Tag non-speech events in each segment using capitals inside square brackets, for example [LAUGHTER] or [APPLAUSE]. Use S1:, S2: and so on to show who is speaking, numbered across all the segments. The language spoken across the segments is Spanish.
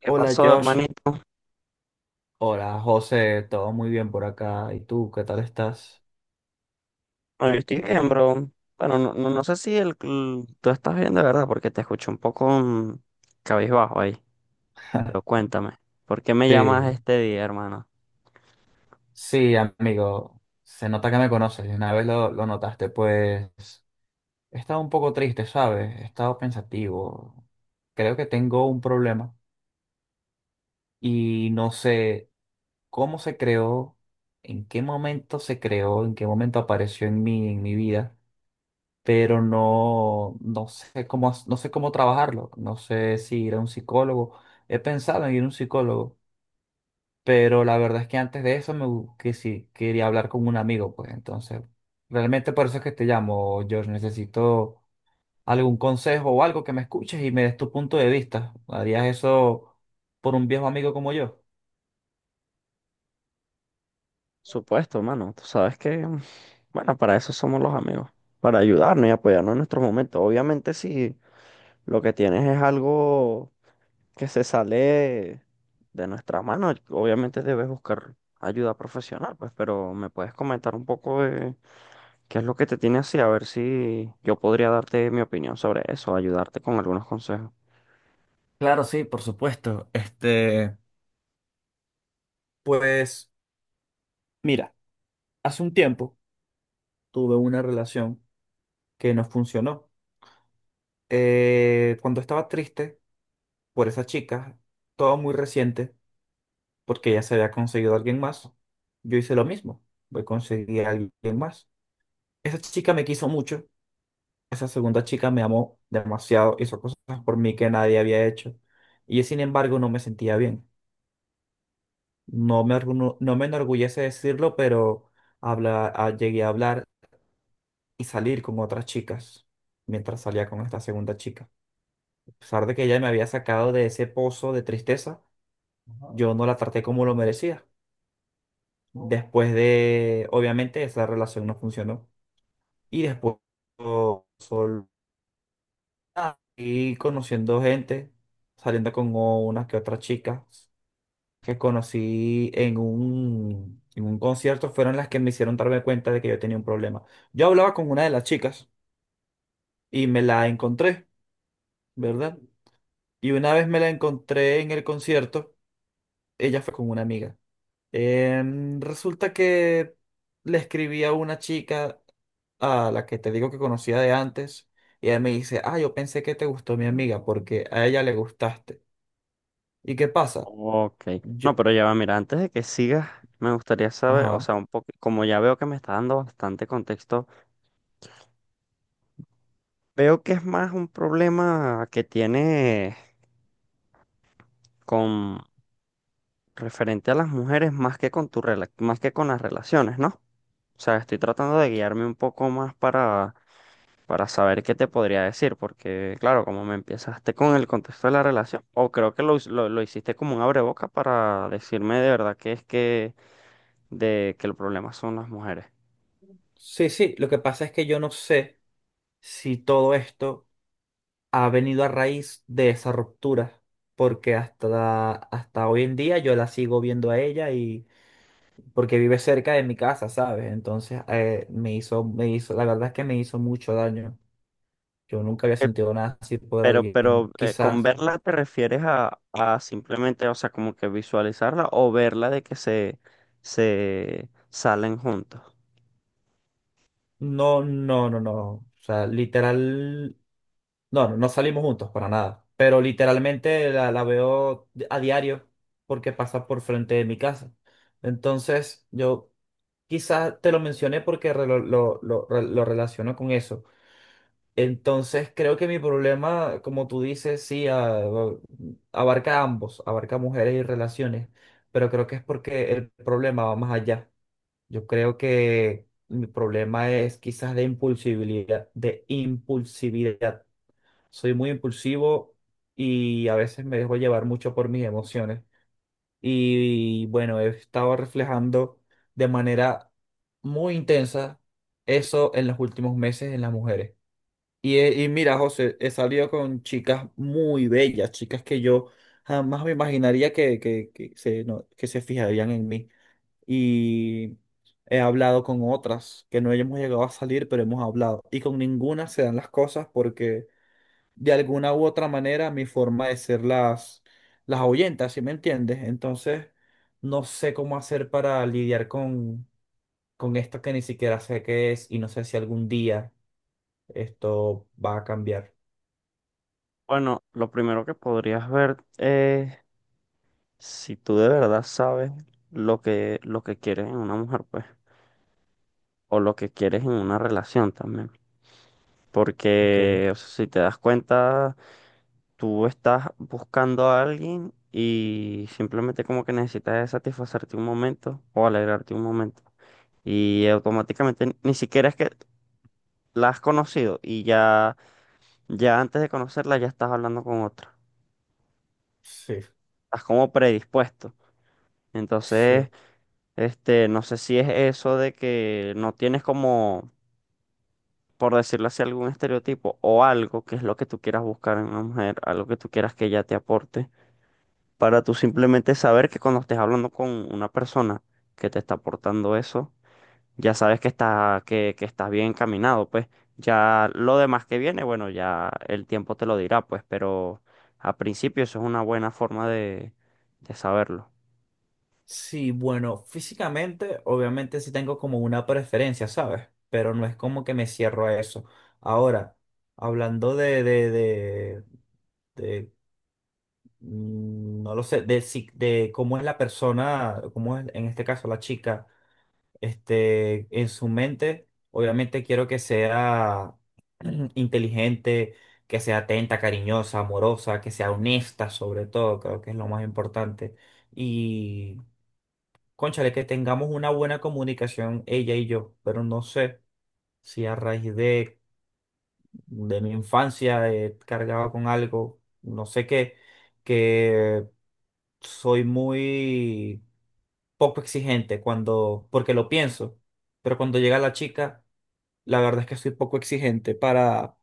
S1: ¿Qué
S2: Hola
S1: pasó,
S2: Josh,
S1: hermanito?
S2: hola José, todo muy bien por acá. ¿Y tú, qué tal estás?
S1: Bueno, yo estoy bien, bro. Bueno, no sé si tú estás bien de verdad, porque te escucho un poco cabizbajo ahí. Pero cuéntame, ¿por qué me
S2: Sí,
S1: llamas este día, hermano?
S2: sí, amigo, se nota que me conoces, y una vez lo notaste, pues he estado un poco triste, ¿sabes? He estado pensativo, creo que tengo un problema y no sé cómo se creó, en qué momento se creó, en qué momento apareció en mí, en mi vida, pero no sé cómo, no sé cómo trabajarlo, no sé si ir a un psicólogo. He pensado en ir a un psicólogo. Pero la verdad es que antes de eso que sí, quería hablar con un amigo, pues entonces, realmente por eso es que te llamo, George. Necesito algún consejo o algo que me escuches y me des tu punto de vista. ¿Harías eso por un viejo amigo como yo?
S1: Supuesto, hermano. Tú sabes que, bueno, para eso somos los amigos, para ayudarnos y apoyarnos en nuestros momentos. Obviamente, si lo que tienes es algo que se sale de nuestra mano, obviamente debes buscar ayuda profesional, pues, pero me puedes comentar un poco. ¿Qué es lo que te tiene así? A ver si yo podría darte mi opinión sobre eso, ayudarte con algunos consejos.
S2: Claro, sí, por supuesto. Pues mira, hace un tiempo tuve una relación que no funcionó. Cuando estaba triste por esa chica, todo muy reciente. Porque ya se había conseguido alguien más. Yo hice lo mismo, voy conseguí a alguien más. Esa chica me quiso mucho, esa segunda chica me amó demasiado, hizo cosas por mí que nadie había hecho. Y yo, sin embargo, no me sentía bien. No me enorgullece decirlo, pero llegué a hablar y salir con otras chicas mientras salía con esta segunda chica. A pesar de que ella me había sacado de ese pozo de tristeza, ajá, yo no la traté como lo merecía. Después de, obviamente, esa relación no funcionó. Y después, yo solo y conociendo gente, saliendo con unas que otras chicas que conocí en un concierto, fueron las que me hicieron darme cuenta de que yo tenía un problema. Yo hablaba con una de las chicas y me la encontré, ¿verdad? Y una vez me la encontré en el concierto, ella fue con una amiga. Resulta que le escribí a una chica a la que te digo que conocía de antes y ella me dice, ah, yo pensé que te gustó mi amiga porque a ella le gustaste. ¿Y qué pasa?
S1: Ok.
S2: Yo,
S1: No, pero ya va, mira, antes de que sigas, me gustaría saber, o
S2: ajá.
S1: sea, un poco, como ya veo que me está dando bastante contexto, veo que es más un problema que tiene con referente a las mujeres más que con más que con las relaciones, ¿no? O sea, estoy tratando de guiarme un poco más para saber qué te podría decir, porque claro, como me empezaste con el contexto de la relación, o creo que lo hiciste como un abreboca para decirme de verdad que es que, de, que el problema son las mujeres.
S2: Sí, sí, lo que pasa es que yo no sé si todo esto ha venido a raíz de esa ruptura, porque hasta hoy en día yo la sigo viendo a ella y porque vive cerca de mi casa, ¿sabes? Entonces, me hizo, la verdad es que me hizo mucho daño. Yo nunca había
S1: Eh,
S2: sentido nada así por
S1: Pero,
S2: alguien.
S1: con
S2: Quizás,
S1: verla te refieres a simplemente, o sea, como que visualizarla o verla de que se salen juntos.
S2: no, no, no, no. O sea, literal, no, no, no salimos juntos para nada. Pero literalmente la veo a diario porque pasa por frente de mi casa. Entonces, yo quizás te lo mencioné porque lo relaciono con eso. Entonces, creo que mi problema, como tú dices, sí, abarca a ambos, abarca mujeres y relaciones. Pero creo que es porque el problema va más allá. Yo creo que mi problema es quizás de impulsividad. Soy muy impulsivo y a veces me dejo llevar mucho por mis emociones. Y bueno, he estado reflejando de manera muy intensa eso en los últimos meses en las mujeres. Y, y mira, José, he salido con chicas muy bellas, chicas que yo jamás me imaginaría que se, no, que se fijarían en mí y he hablado con otras que no hemos llegado a salir, pero hemos hablado. Y con ninguna se dan las cosas porque de alguna u otra manera mi forma de ser las ahuyenta, ¿sí me entiendes? Entonces no sé cómo hacer para lidiar con esto que ni siquiera sé qué es y no sé si algún día esto va a cambiar.
S1: Bueno, lo primero que podrías ver es si tú de verdad sabes lo que quieres en una mujer, pues. O lo que quieres en una relación también.
S2: Ok,
S1: Porque, o sea, si te das cuenta, tú estás buscando a alguien y simplemente como que necesitas de satisfacerte un momento o alegrarte un momento. Y automáticamente ni siquiera es que la has conocido y ya, ya antes de conocerla ya estás hablando con otra.
S2: sí,
S1: Estás como predispuesto. Entonces,
S2: sí.
S1: este, no sé si es eso de que no tienes como por decirlo así, algún estereotipo o algo que es lo que tú quieras buscar en una mujer, algo que tú quieras que ella te aporte, para tú simplemente saber que cuando estés hablando con una persona que te está aportando eso, ya sabes que que estás bien encaminado, pues ya lo demás que viene, bueno, ya el tiempo te lo dirá, pues, pero a principio eso es una buena forma de saberlo.
S2: Sí, bueno, físicamente, obviamente sí tengo como una preferencia, ¿sabes? Pero no es como que me cierro a eso. Ahora, hablando de, no lo sé, de, de cómo es la persona, cómo es en este caso la chica, en su mente, obviamente quiero que sea [CLEARS THROAT] inteligente, que sea atenta, cariñosa, amorosa, que sea honesta sobre todo, creo que es lo más importante. Y cónchale, que tengamos una buena comunicación ella y yo, pero no sé si a raíz de mi infancia he cargado con algo, no sé qué, que soy muy poco exigente cuando, porque lo pienso, pero cuando llega la chica, la verdad es que soy poco exigente para,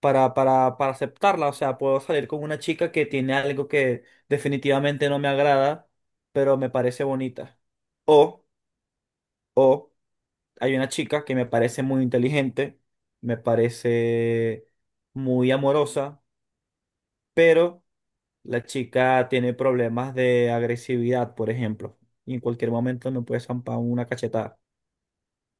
S2: para, para, para aceptarla. O sea, puedo salir con una chica que tiene algo que definitivamente no me agrada, pero me parece bonita. O, o hay una chica que me parece muy inteligente, me parece muy amorosa, pero la chica tiene problemas de agresividad, por ejemplo, y en cualquier momento me puede zampar una cachetada.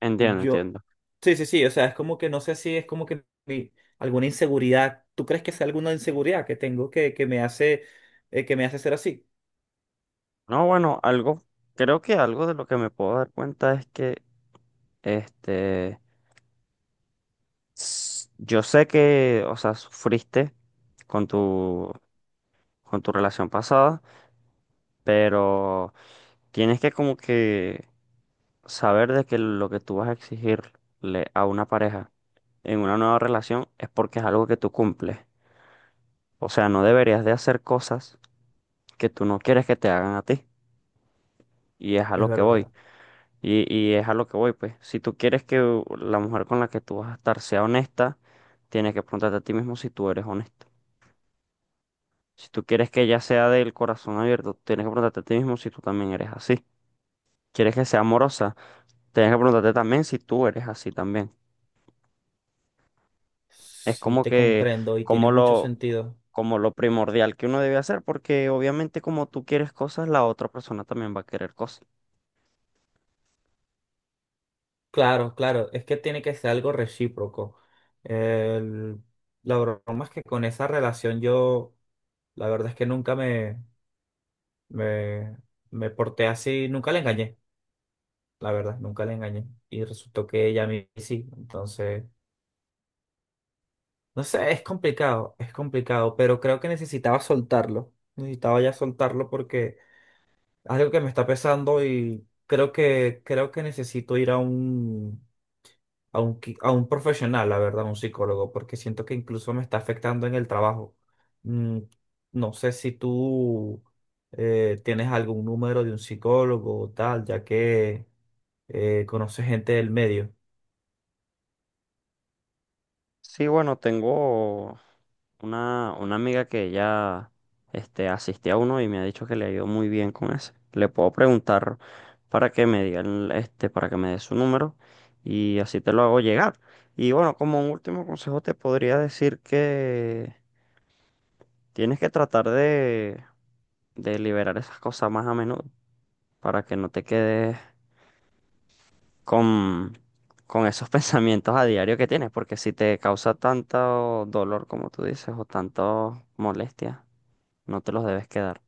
S1: Entiendo,
S2: Yo,
S1: entiendo.
S2: sí, sí, sí, o sea, es como que no sé si es como que alguna inseguridad, ¿tú crees que es alguna inseguridad que tengo que me hace ser así?
S1: No, bueno, algo, creo que algo de lo que me puedo dar cuenta es que este yo sé que, o sea, sufriste con tu, con tu relación pasada, pero tienes que como que saber de que lo que tú vas a exigirle a una pareja en una nueva relación es porque es algo que tú cumples. O sea, no deberías de hacer cosas que tú no quieres que te hagan a ti. Y es a
S2: Es
S1: lo que voy.
S2: verdad.
S1: Y es a lo que voy, pues. Si tú quieres que la mujer con la que tú vas a estar sea honesta, tienes que preguntarte a ti mismo si tú eres honesto. Si tú quieres que ella sea del corazón abierto, tienes que preguntarte a ti mismo si tú también eres así. ¿Quieres que sea amorosa? Tienes que preguntarte también si tú eres así también. Es
S2: Sí,
S1: como
S2: te
S1: que,
S2: comprendo y tiene
S1: como
S2: mucho
S1: lo,
S2: sentido.
S1: como lo primordial que uno debe hacer, porque obviamente como tú quieres cosas, la otra persona también va a querer cosas.
S2: Claro, claro, es que tiene que ser algo recíproco. El- la broma es que con esa relación yo, la verdad es que nunca me, me, me porté así, nunca le engañé, la verdad, nunca le engañé. Y resultó que ella a mí sí, entonces, no sé, es complicado, pero creo que necesitaba soltarlo, necesitaba ya soltarlo porque es algo que me está pesando y creo que necesito ir a un a un, a un profesional, la verdad, un psicólogo, porque siento que incluso me está afectando en el trabajo. Mm, no sé si tú tienes algún número de un psicólogo o tal, ya que conoces gente del medio.
S1: Sí, bueno, tengo una amiga que ya este, asistió a uno y me ha dicho que le ha ido muy bien con ese. Le puedo preguntar para que me digan, este, para que me dé su número y así te lo hago llegar. Y bueno, como un último consejo te podría decir que tienes que tratar de liberar esas cosas más a menudo para que no te quedes con, con esos [LAUGHS] pensamientos a diario que tienes, porque si te causa tanto dolor como tú dices o tanto molestia, no te los debes quedar.